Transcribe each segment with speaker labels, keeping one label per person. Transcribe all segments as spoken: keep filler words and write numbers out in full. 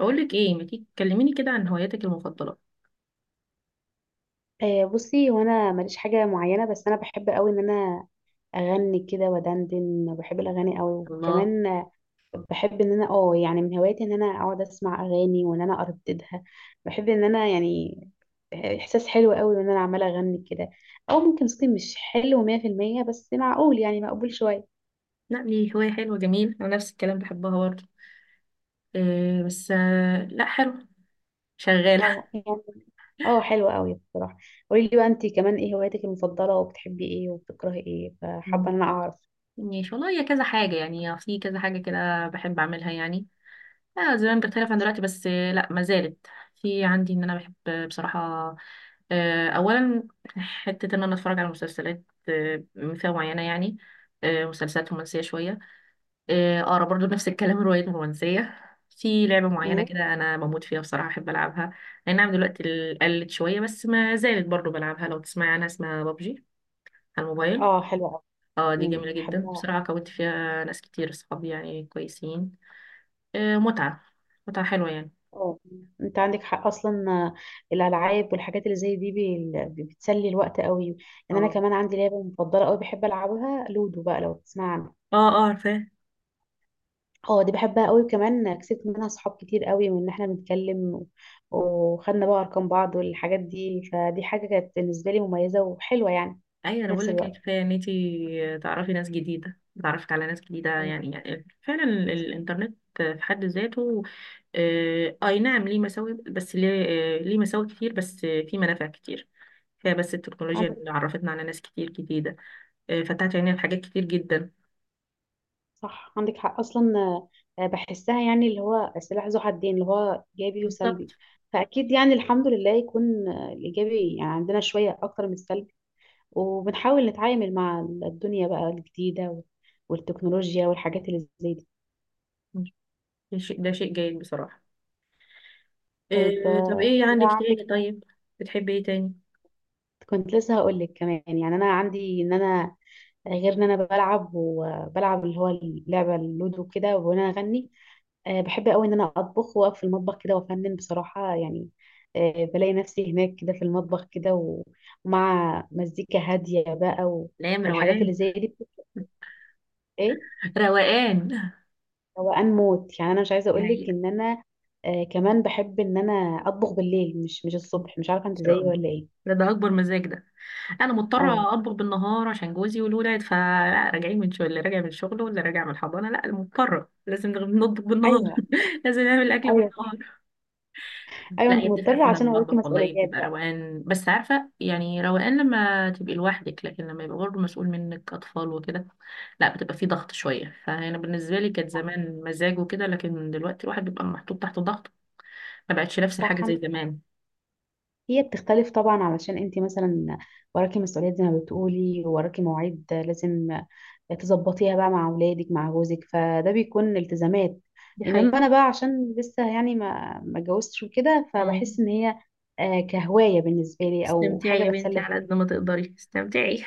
Speaker 1: اقول لك ايه ما تيجي تكلميني كده عن هواياتك المفضله؟
Speaker 2: آه، بصي، وانا ماليش حاجه معينه، بس انا بحب قوي ان انا اغني كده ودندن. بحب الاغاني قوي،
Speaker 1: الله.
Speaker 2: وكمان آه، بحب ان انا اه يعني من هواياتي ان انا اقعد اسمع اغاني وان انا ارددها. بحب ان انا يعني احساس حلو قوي ان انا عماله اغني كده. او ممكن صوتي مش حلو مية في المية، بس معقول يعني مقبول شويه.
Speaker 1: لا دي هوايه حلوه، جميل، انا نفس الكلام بحبها برضه. إيه بس آه، لا حلو. شغاله.
Speaker 2: اه يعني. اه حلو قوي بصراحه. قولي لي بقى، انت كمان ايه هواياتك المفضله؟ وبتحبي ايه وبتكرهي ايه؟
Speaker 1: مم.
Speaker 2: فحابه ان انا اعرف.
Speaker 1: ماشي والله، هي كذا حاجه يعني، في كذا حاجه كده بحب اعملها يعني. آه زمان بختلف عن دلوقتي، بس آه، لا ما زالت. في عندي ان انا بحب، آه، بصراحه، آه، اولا حته ان انا اتفرج على مسلسلات، آه، فئه معينه يعني، آه، مسلسلات رومانسيه شويه. آه آه، برضه نفس الكلام، الروايات الرومانسية. في لعبة معينة
Speaker 2: مم.
Speaker 1: كده أنا بموت فيها بصراحة، أحب ألعبها. أي نعم، دلوقتي ال- قلت شوية بس ما زالت برضه بلعبها، لو تسمعي عنها اسمها بابجي، على الموبايل.
Speaker 2: اه حلوه قوي.
Speaker 1: اه دي جميلة جدا
Speaker 2: بحبها.
Speaker 1: بصراحة، كونت فيها ناس كتير صحابي يعني كويسين. آه متعة، متعة حلوة يعني.
Speaker 2: اه انت عندك حق اصلا. آه، الالعاب والحاجات اللي زي دي بي- بي- بتسلي الوقت قوي. يعني انا
Speaker 1: اه
Speaker 2: كمان عندي لعبه مفضله قوي بحب العبها، لودو بقى، لو تسمع عنها.
Speaker 1: اه اه عارفاه.
Speaker 2: اه دي بحبها قوي، وكمان كسبت منها صحاب كتير قوي، من ان احنا بنتكلم و- وخدنا بقى ارقام بعض والحاجات دي. فدي حاجه كانت بالنسبه لي مميزه وحلوه يعني،
Speaker 1: أيوة، أنا
Speaker 2: في
Speaker 1: بقول
Speaker 2: نفس
Speaker 1: لك
Speaker 2: الوقت.
Speaker 1: كفاية إن أنتي تعرفي ناس جديدة، تعرفت على ناس جديدة يعني, يعني فعلا ال- الإنترنت في حد ذاته، آه، اي نعم ليه مساوئ، بس ليه آه، ليه مساوئ كتير، بس آه، في منافع كتير. هي بس التكنولوجيا
Speaker 2: اه.
Speaker 1: اللي عرفتنا على ناس كتير جديدة، آه، فتحت عينينا لحاجات كتير جدا.
Speaker 2: صح، عندك حق اصلا. آه، بحسها يعني اللي هو سلاح ذو حدين، اللي هو ايجابي
Speaker 1: بالظبط.
Speaker 2: وسلبي. فاكيد يعني الحمد لله يكون آه، الايجابي يعني عندنا شويه اكتر من السلبي. وبنحاول نتعامل مع الدنيا بقى الجديده وال- والتكنولوجيا والحاجات اللي زي دي.
Speaker 1: ده شيء ده شيء جيد بصراحة.
Speaker 2: طيب
Speaker 1: آه، طب
Speaker 2: آه،
Speaker 1: ايه عندك
Speaker 2: بقى عندك.
Speaker 1: تاني؟ طيب، بتحبي ايه تاني؟
Speaker 2: كنت لسه هقول لك كمان، يعني انا عندي ان انا، غير ان انا بلعب، وبلعب اللي هو اللعبه اللودو كده وانا اغني، آه، بحب قوي ان انا اطبخ، واقف في المطبخ كده وافنن بصراحه يعني. آه، بلاقي نفسي هناك كده في المطبخ كده و- ومع مزيكا هاديه بقى و-
Speaker 1: الايام
Speaker 2: والحاجات اللي
Speaker 1: روقان.
Speaker 2: زي دي بتبقى ايه،
Speaker 1: روقان.
Speaker 2: روقان موت يعني. انا مش عايزه
Speaker 1: دي
Speaker 2: اقول لك
Speaker 1: حقيقة.
Speaker 2: ان انا آه، كمان بحب ان انا اطبخ بالليل، مش مش
Speaker 1: ان
Speaker 2: الصبح. مش عارفه انت
Speaker 1: شاء
Speaker 2: زيي
Speaker 1: الله.
Speaker 2: ولا ايه.
Speaker 1: ده ده اكبر مزاج ده. انا
Speaker 2: اه.
Speaker 1: مضطره اطبخ بالنهار عشان جوزي والولاد، فلا راجعين من شغل، اللي راجع من شغله واللي راجع من الحضانه، لا مضطره لازم نغ- نطبخ بالنهار.
Speaker 2: ايوه.
Speaker 1: لازم نعمل اكل
Speaker 2: ايوه صح.
Speaker 1: بالنهار.
Speaker 2: ايوه،
Speaker 1: لا،
Speaker 2: انت
Speaker 1: هي بتفرق
Speaker 2: مضطره
Speaker 1: فعلا
Speaker 2: عشان وراكي
Speaker 1: المطبخ، والله
Speaker 2: مسؤوليات
Speaker 1: بتبقى
Speaker 2: بقى.
Speaker 1: روقان، بس عارفه يعني روقان لما تبقي لوحدك، لكن لما يبقى برضه مسؤول منك اطفال وكده، لا بتبقى في ضغط شويه، فانا بالنسبه لي كانت
Speaker 2: صح.
Speaker 1: زمان مزاج وكده، لكن دلوقتي الواحد بيبقى محطوط تحت ضغط، ما بقتش نفس الحاجه
Speaker 2: صح،
Speaker 1: زي
Speaker 2: عندك.
Speaker 1: زمان.
Speaker 2: هي بتختلف طبعا، علشان انت مثلا وراكي مسؤوليات، زي ما بتقولي، وراكي مواعيد لازم تظبطيها بقى مع اولادك، مع جوزك. فده بيكون التزامات.
Speaker 1: دي حقيقة.
Speaker 2: انما انا بقى، عشان لسه يعني ما ما اتجوزتش وكده،
Speaker 1: مم.
Speaker 2: فبحس ان هي آه، كهوايه بالنسبه لي، او
Speaker 1: استمتعي
Speaker 2: حاجه
Speaker 1: يا بنتي،
Speaker 2: بتسلى
Speaker 1: على
Speaker 2: فيها.
Speaker 1: قد ما تقدري استمتعي،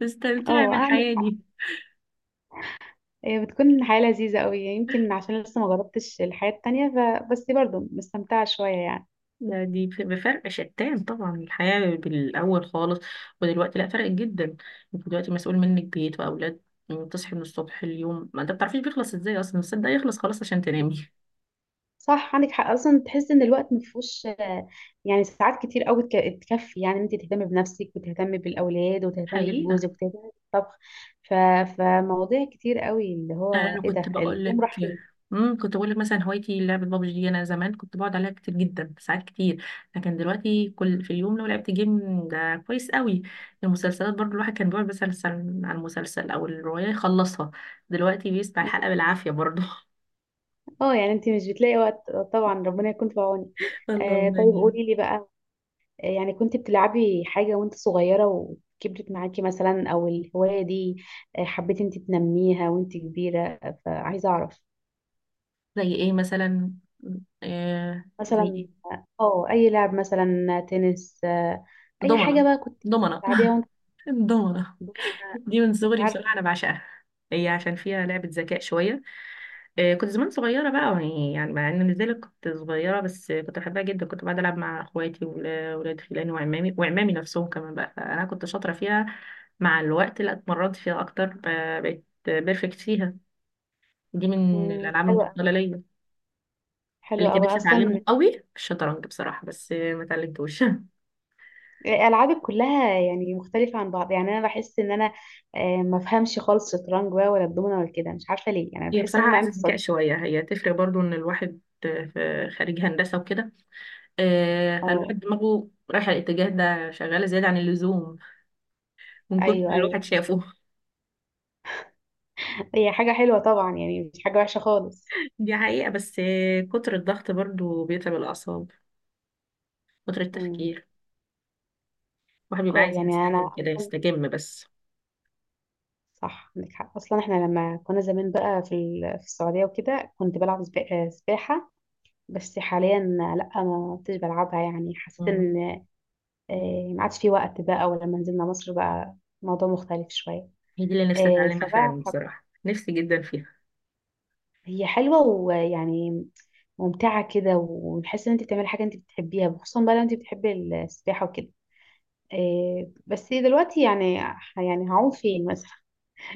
Speaker 1: تستمتعي
Speaker 2: اه، عندك
Speaker 1: بالحياة
Speaker 2: حق.
Speaker 1: دي.
Speaker 2: هي بتكون حياه لذيذه قوي، يمكن عشان لسه ما جربتش الحياه التانية، فبس برضه مستمتعه شويه يعني.
Speaker 1: ده دي ف- بفرق شتان طبعا، الحياة بالأول خالص، ودلوقتي لا، فرق جدا. انت دلوقتي مسؤول منك بيت وأولاد، تصحي من الصبح، اليوم ما انت بتعرفيش بيخلص ازاي اصلا، بس ده يخلص خلاص عشان تنامي.
Speaker 2: صح، عندك حق اصلا. تحس ان الوقت مفهوش آه، يعني ساعات كتير قوي تك- تكفي يعني انت تهتمي بنفسك، وتهتمي بالاولاد، وتهتمي
Speaker 1: حقيقي.
Speaker 2: بجوزك، وتهتمي بالطبخ. ف... فمواضيع كتير قوي، اللي هو
Speaker 1: انا
Speaker 2: ايه
Speaker 1: كنت
Speaker 2: ده،
Speaker 1: بقول لك،
Speaker 2: اليوم راح فين.
Speaker 1: امم كنت بقول لك مثلا هوايتي لعبه بابجي دي، انا زمان كنت بقعد عليها كتير جدا ساعات كتير، لكن دلوقتي كل في اليوم لو لعبت جيم ده كويس قوي. المسلسلات برضو الواحد كان بيقعد مثلا سن- على المسلسل او الروايه يخلصها، دلوقتي بيسمع الحلقه بالعافيه برضو.
Speaker 2: اه يعني انت مش بتلاقي وقت طبعا. ربنا يكون في عونك. آه
Speaker 1: اللهم
Speaker 2: طيب،
Speaker 1: امين.
Speaker 2: قولي لي بقى، آه، يعني كنت بتلعبي حاجة وانت صغيرة وكبرت معاكي، مثلا، او الهواية دي آه، حبيتي انت تنميها وانت كبيرة؟ آه، فعايزة اعرف.
Speaker 1: زي ايه مثلا؟ آه زي
Speaker 2: مثلا
Speaker 1: ايه؟
Speaker 2: اه اي لعب، مثلا تنس، آه، اي حاجه
Speaker 1: ضمنه،
Speaker 2: بقى كنت
Speaker 1: ضمنه،
Speaker 2: بتلعبيها وانت
Speaker 1: ضمنه.
Speaker 2: صغيرة.
Speaker 1: دي من
Speaker 2: مش
Speaker 1: صغري
Speaker 2: عارفه.
Speaker 1: بصراحه انا بعشقها، هي عشان فيها لعبه ذكاء شويه. آه، كنت زمان صغيرة بقى يعني يعني مع ان مش زالت كنت صغيرة، بس آه، كنت بحبها جدا، كنت بقعد ألعب مع اخواتي وولاد خلاني وعمامي وعمامي نفسهم كمان بقى، فأنا كنت شاطرة فيها. مع الوقت لا، اتمرنت فيها أكتر، ب- بقيت بيرفكت فيها، دي من
Speaker 2: مم،
Speaker 1: الألعاب
Speaker 2: حلوه أوي-
Speaker 1: المفضلة ليا. اللي
Speaker 2: حلوه
Speaker 1: كان
Speaker 2: قوي
Speaker 1: نفسي
Speaker 2: اصلا.
Speaker 1: أتعلمه قوي الشطرنج بصراحة، بس آه، ما اتعلمتوش.
Speaker 2: العابك كلها يعني مختلفه عن بعض. يعني انا بحس ان انا آه، ما بفهمش خالص الشطرنج بقى، ولا الدومنه، ولا كده. مش عارفه ليه، يعني
Speaker 1: هي
Speaker 2: بحس ان
Speaker 1: بصراحة
Speaker 2: انا
Speaker 1: عايزة
Speaker 2: عندي
Speaker 1: ذكاء
Speaker 2: صعوبه.
Speaker 1: شوية، هي تفرق برضو إن الواحد آه، في خارج هندسة وكده، آه،
Speaker 2: اه،
Speaker 1: فالواحد دماغه رايحة الاتجاه ده، شغالة زيادة عن اللزوم من كتر
Speaker 2: ايوه،
Speaker 1: اللي الواحد
Speaker 2: ايوه.
Speaker 1: شافه.
Speaker 2: هي حاجه حلوه طبعا، يعني مش حاجه وحشه خالص.
Speaker 1: دي حقيقة، بس كتر الضغط برضو بيتعب الأعصاب، كتر
Speaker 2: مم.
Speaker 1: التفكير، الواحد بيبقى
Speaker 2: اه
Speaker 1: عايز
Speaker 2: يعني انا
Speaker 1: يستجم كده،
Speaker 2: اصلا،
Speaker 1: يستجم بس.
Speaker 2: صح، عندك حق اصلا. احنا لما كنا زمان بقى في ال- في السعوديه وكده، كنت بلعب سبا- آه، سباحه. بس حاليا لا، ما كنتش بلعبها. يعني حسيت
Speaker 1: مم.
Speaker 2: ان آه، ما عادش في وقت بقى. ولما نزلنا مصر بقى، الموضوع مختلف شوية.
Speaker 1: هي دي اللي نفسي
Speaker 2: آه،
Speaker 1: أتعلمها
Speaker 2: فبقى
Speaker 1: فعلا
Speaker 2: حب-
Speaker 1: بصراحة، نفسي جدا فيها.
Speaker 2: هي حلوة، ويعني ممتعة كده، وتحس ان انت بتعملي حاجة انت بتحبيها، خصوصا بقى لو انت بتحبي السباحة وكده. آه، بس دلوقتي يعني يعني هعوم فين مثلا؟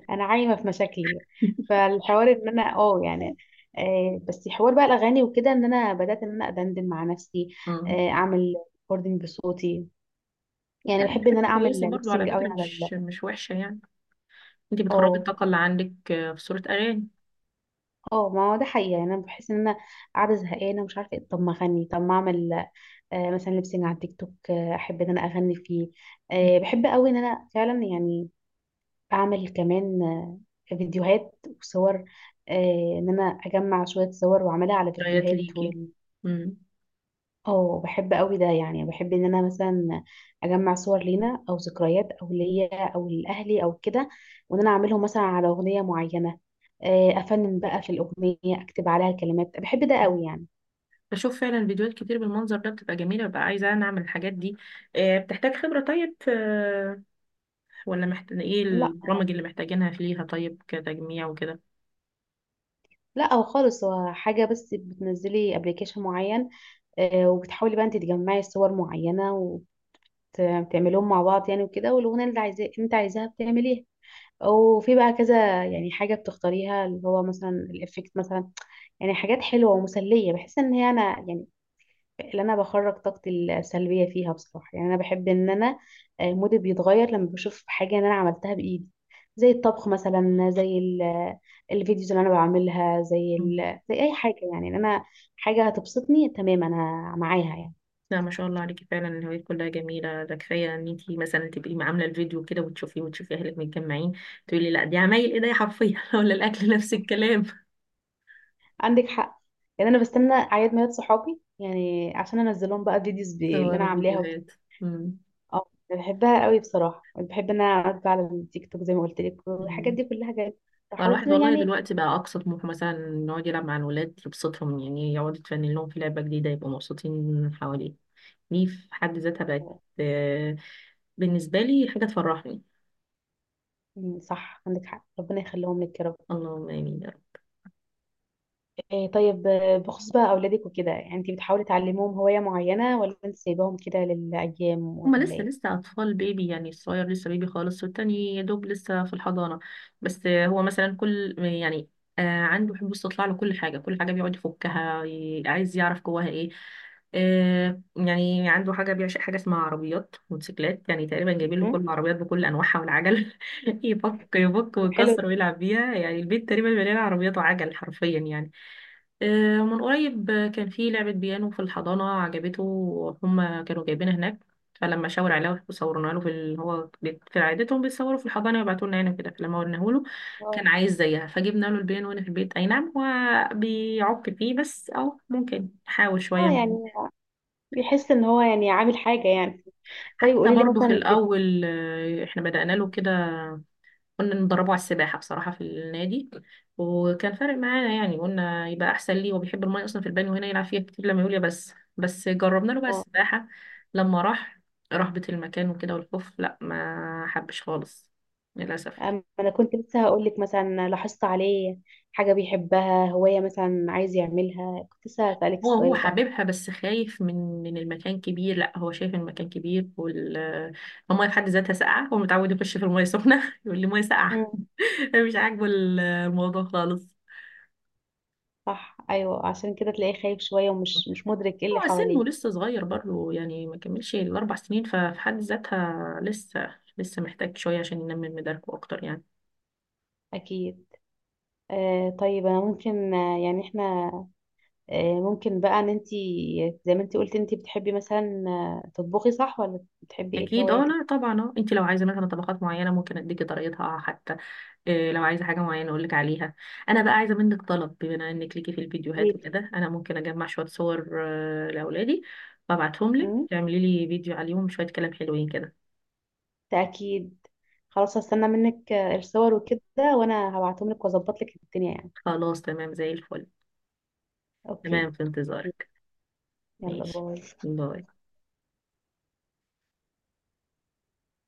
Speaker 2: انا عايمة في مشاكلي. فالحوار ان انا اه يعني، آه، بس حوار بقى الاغاني وكده، ان انا بدأت ان انا ادندن مع نفسي.
Speaker 1: مم.
Speaker 2: آه، اعمل ريكوردنج بصوتي. يعني
Speaker 1: لا دي
Speaker 2: بحب ان
Speaker 1: حاجة
Speaker 2: انا اعمل
Speaker 1: كويسة برضو على
Speaker 2: ليبسينج قوي
Speaker 1: فكرة،
Speaker 2: على ال...
Speaker 1: مش مش وحشة يعني، انتي بتخرجي
Speaker 2: اه،
Speaker 1: الطاقة اللي عندك آه، في صورة أغاني،
Speaker 2: اه، ما هو ده حقيقي. يعني انا بحس ان انا قاعده زهقانه ومش عارفه ايه. طب ما اغني، طب ما اعمل آه مثلا ليبسينج على التيك توك. آه احب ان انا اغني فيه. آه بحب قوي ان انا فعلا يعني اعمل كمان آه فيديوهات وصور. آه ان انا اجمع شويه صور واعملها على
Speaker 1: ذكريات
Speaker 2: فيديوهات.
Speaker 1: ليكي. مم.
Speaker 2: اه، بحب قوي ده. يعني بحب ان انا مثلا اجمع صور لينا، او ذكريات، او ليا، او لاهلي، او كده، وان انا اعملهم مثلا على اغنيه معينه. آه، افنن بقى في الاغنيه، اكتب عليها الكلمات. بحب ده قوي يعني.
Speaker 1: بشوف فعلا فيديوهات كتير بالمنظر ده بتبقى جميلة، ببقى عايزة أنا أعمل الحاجات دي. آه، بتحتاج خبرة طيب في، ولا محتاج ايه
Speaker 2: لا،
Speaker 1: البرامج اللي محتاجينها ليها طيب، كتجميع وكده؟
Speaker 2: لا، او خالص. هو حاجه بس، بتنزلي ابلكيشن معين، آه، وبتحاولي بقى انت تجمعي صور معينه وبتعملهم مع بعض يعني، وكده، والاغنيه اللي عايزاه انت عايزاها بتعمليها. وفي بقى كذا يعني حاجه بتختاريها، اللي هو مثلا الافكت مثلا. يعني حاجات حلوة ومسلية، بحس ان هي انا يعني، اللي انا بخرج طاقتي السلبية فيها بصراحة. يعني انا بحب ان انا، آه، مودي بيتغير لما بشوف حاجة ان انا عملتها بايدي. زي الطبخ مثلا، زي ال- الفيديوز اللي انا بعملها، زي
Speaker 1: مم.
Speaker 2: ال... زي اي حاجة يعني ان انا، حاجة هتبسطني. تمام، انا معاها يعني.
Speaker 1: لا ما شاء الله عليكي، فعلا الهوايات كلها جميلة، ده كفاية ان انتي مثلا تبقي عاملة الفيديو كده وتشوفي وتشوفي اهلك متجمعين، تقولي لا دي عمايل ايديا حرفيا. ولا الاكل نفس الكلام،
Speaker 2: عندك حق. يعني انا بستنى اعياد ميلاد صحابي يعني، عشان انزلهم بقى فيديوز ب- اللي
Speaker 1: صور
Speaker 2: انا عاملاها.
Speaker 1: وفيديوهات. مم.
Speaker 2: اه، أنا بحبها قوي بصراحه. بحب ان انا اقعد بقى على التيك توك زي ما قلت لك. والحاجات
Speaker 1: مم.
Speaker 2: دي كلها جايه
Speaker 1: هو
Speaker 2: تحفظ
Speaker 1: الواحد والله
Speaker 2: يعني.
Speaker 1: دلوقتي بقى اقصى طموحه مثلا إنه يقعد يلعب مع الولاد يبسطهم يعني، يقعد يتفنن لهم في لعبة جديدة يبقوا مبسوطين حواليه، دي في حد ذاتها بقت آه، بالنسبة لي حاجة تفرحني.
Speaker 2: مم، صح، عندك حق. ربنا يخليهم لك يا رب.
Speaker 1: اللهم آمين.
Speaker 2: إيه طيب، آه، بخصوص بقى اولادك وكده، يعني انت بتحاولي تعلميهم هوايه معينه، ولا انت سايباهم كده للايام،
Speaker 1: هما
Speaker 2: ولا
Speaker 1: لسه
Speaker 2: ايه؟
Speaker 1: لسه أطفال بيبي يعني، الصغير لسه بيبي خالص، والتاني يا دوب لسه في الحضانة، بس هو مثلا كل يعني آه، عنده حب استطلاع لكل حاجة، كل حاجة بيقعد يفكها، ي- عايز يعرف جواها ايه. آه، يعني عنده حاجة بيعشق حاجة اسمها عربيات موتوسيكلات، يعني تقريبا جايبين له
Speaker 2: مم.
Speaker 1: كل العربيات بكل أنواعها والعجل. يفك يفك
Speaker 2: حلو.
Speaker 1: ويكسر ويلعب بيها يعني، البيت تقريبا مليان عربيات وعجل حرفيا يعني. آه، من قريب كان في لعبة بيانو في الحضانة عجبته، هما كانوا جايبينها هناك، فلما شاور عليه وصورنا له في ال... هو بيت- في عادتهم بيصوروا في الحضانه ويبعتوا لنا هنا كده، فلما ورناه له
Speaker 2: اه
Speaker 1: كان عايز زيها، فجبنا له البيان وانا في البيت، اي نعم هو بيعك فيه بس، او ممكن يحاول شويه معانا.
Speaker 2: يعني بيحس ان هو يعني عامل حاجه يعني. طيب
Speaker 1: حتى
Speaker 2: قولي لي
Speaker 1: برضو في
Speaker 2: مثلا بت...
Speaker 1: الاول آه، احنا بدأنا له كده، كنا ندربه على السباحة بصراحة في النادي، وكان فارق معانا يعني، قلنا يبقى أحسن ليه، هو بيحب المية أصلا، في البانيو هنا يلعب فيها كتير لما يقول يا بس بس، جربنا له بقى
Speaker 2: آه.
Speaker 1: السباحة. لما راح رهبة المكان وكده والخوف، لا ما حبش خالص، للأسف.
Speaker 2: أم- انا كنت لسه هقول لك، مثلا لاحظت عليه حاجه بيحبها، هوايه مثلا عايز يعملها؟ كنت لسه هسألك
Speaker 1: هو هو
Speaker 2: السؤال ده.
Speaker 1: حاببها بس خايف من من المكان كبير، لا هو شايف المكان كبير وال المية في حد ذاتها ساقعة، هو متعود يخش في المية سخنة. يقول لي مية ساقعة.
Speaker 2: مم.
Speaker 1: مش عاجبه الموضوع خالص.
Speaker 2: صح، ايوه، عشان كده تلاقيه خايف شويه، ومش مش مدرك ايه اللي
Speaker 1: هو سنه
Speaker 2: حواليه.
Speaker 1: لسه صغير برضه يعني، ما كملش الأربع سنين، ففي حد ذاتها لسه لسه محتاج شوية عشان ينمي من مداركه أكتر يعني.
Speaker 2: اكيد. آه طيب، انا ممكن آه، يعني احنا آه ممكن بقى ان انت، زي ما انت قلت، انت بتحبي مثلا آه، تطبخي، صح؟ ولا بتحبي ايه في
Speaker 1: أكيد أه
Speaker 2: هواياتك؟
Speaker 1: لا طبعا أه، أنت لو عايزة مثلا طبقات معينة ممكن أديكي طريقتها، آه، حتى إيه لو عايزة حاجة معينة أقولك عليها. أنا بقى عايزة منك طلب، بما إنك ليكي في الفيديوهات
Speaker 2: ليه؟
Speaker 1: وكده، أنا ممكن أجمع شوية صور آه، لأولادي وأبعتهم لك
Speaker 2: مم؟
Speaker 1: تعملي لي فيديو عليهم، شوية كلام حلوين كده.
Speaker 2: ده اكيد. خلاص، هستنى منك آه، الصور وكده، وانا هبعتهم لك واظبط لك الدنيا يعني.
Speaker 1: خلاص تمام زي الفل.
Speaker 2: اوكي،
Speaker 1: تمام في انتظارك.
Speaker 2: يلا،
Speaker 1: ماشي.
Speaker 2: باي.
Speaker 1: باي.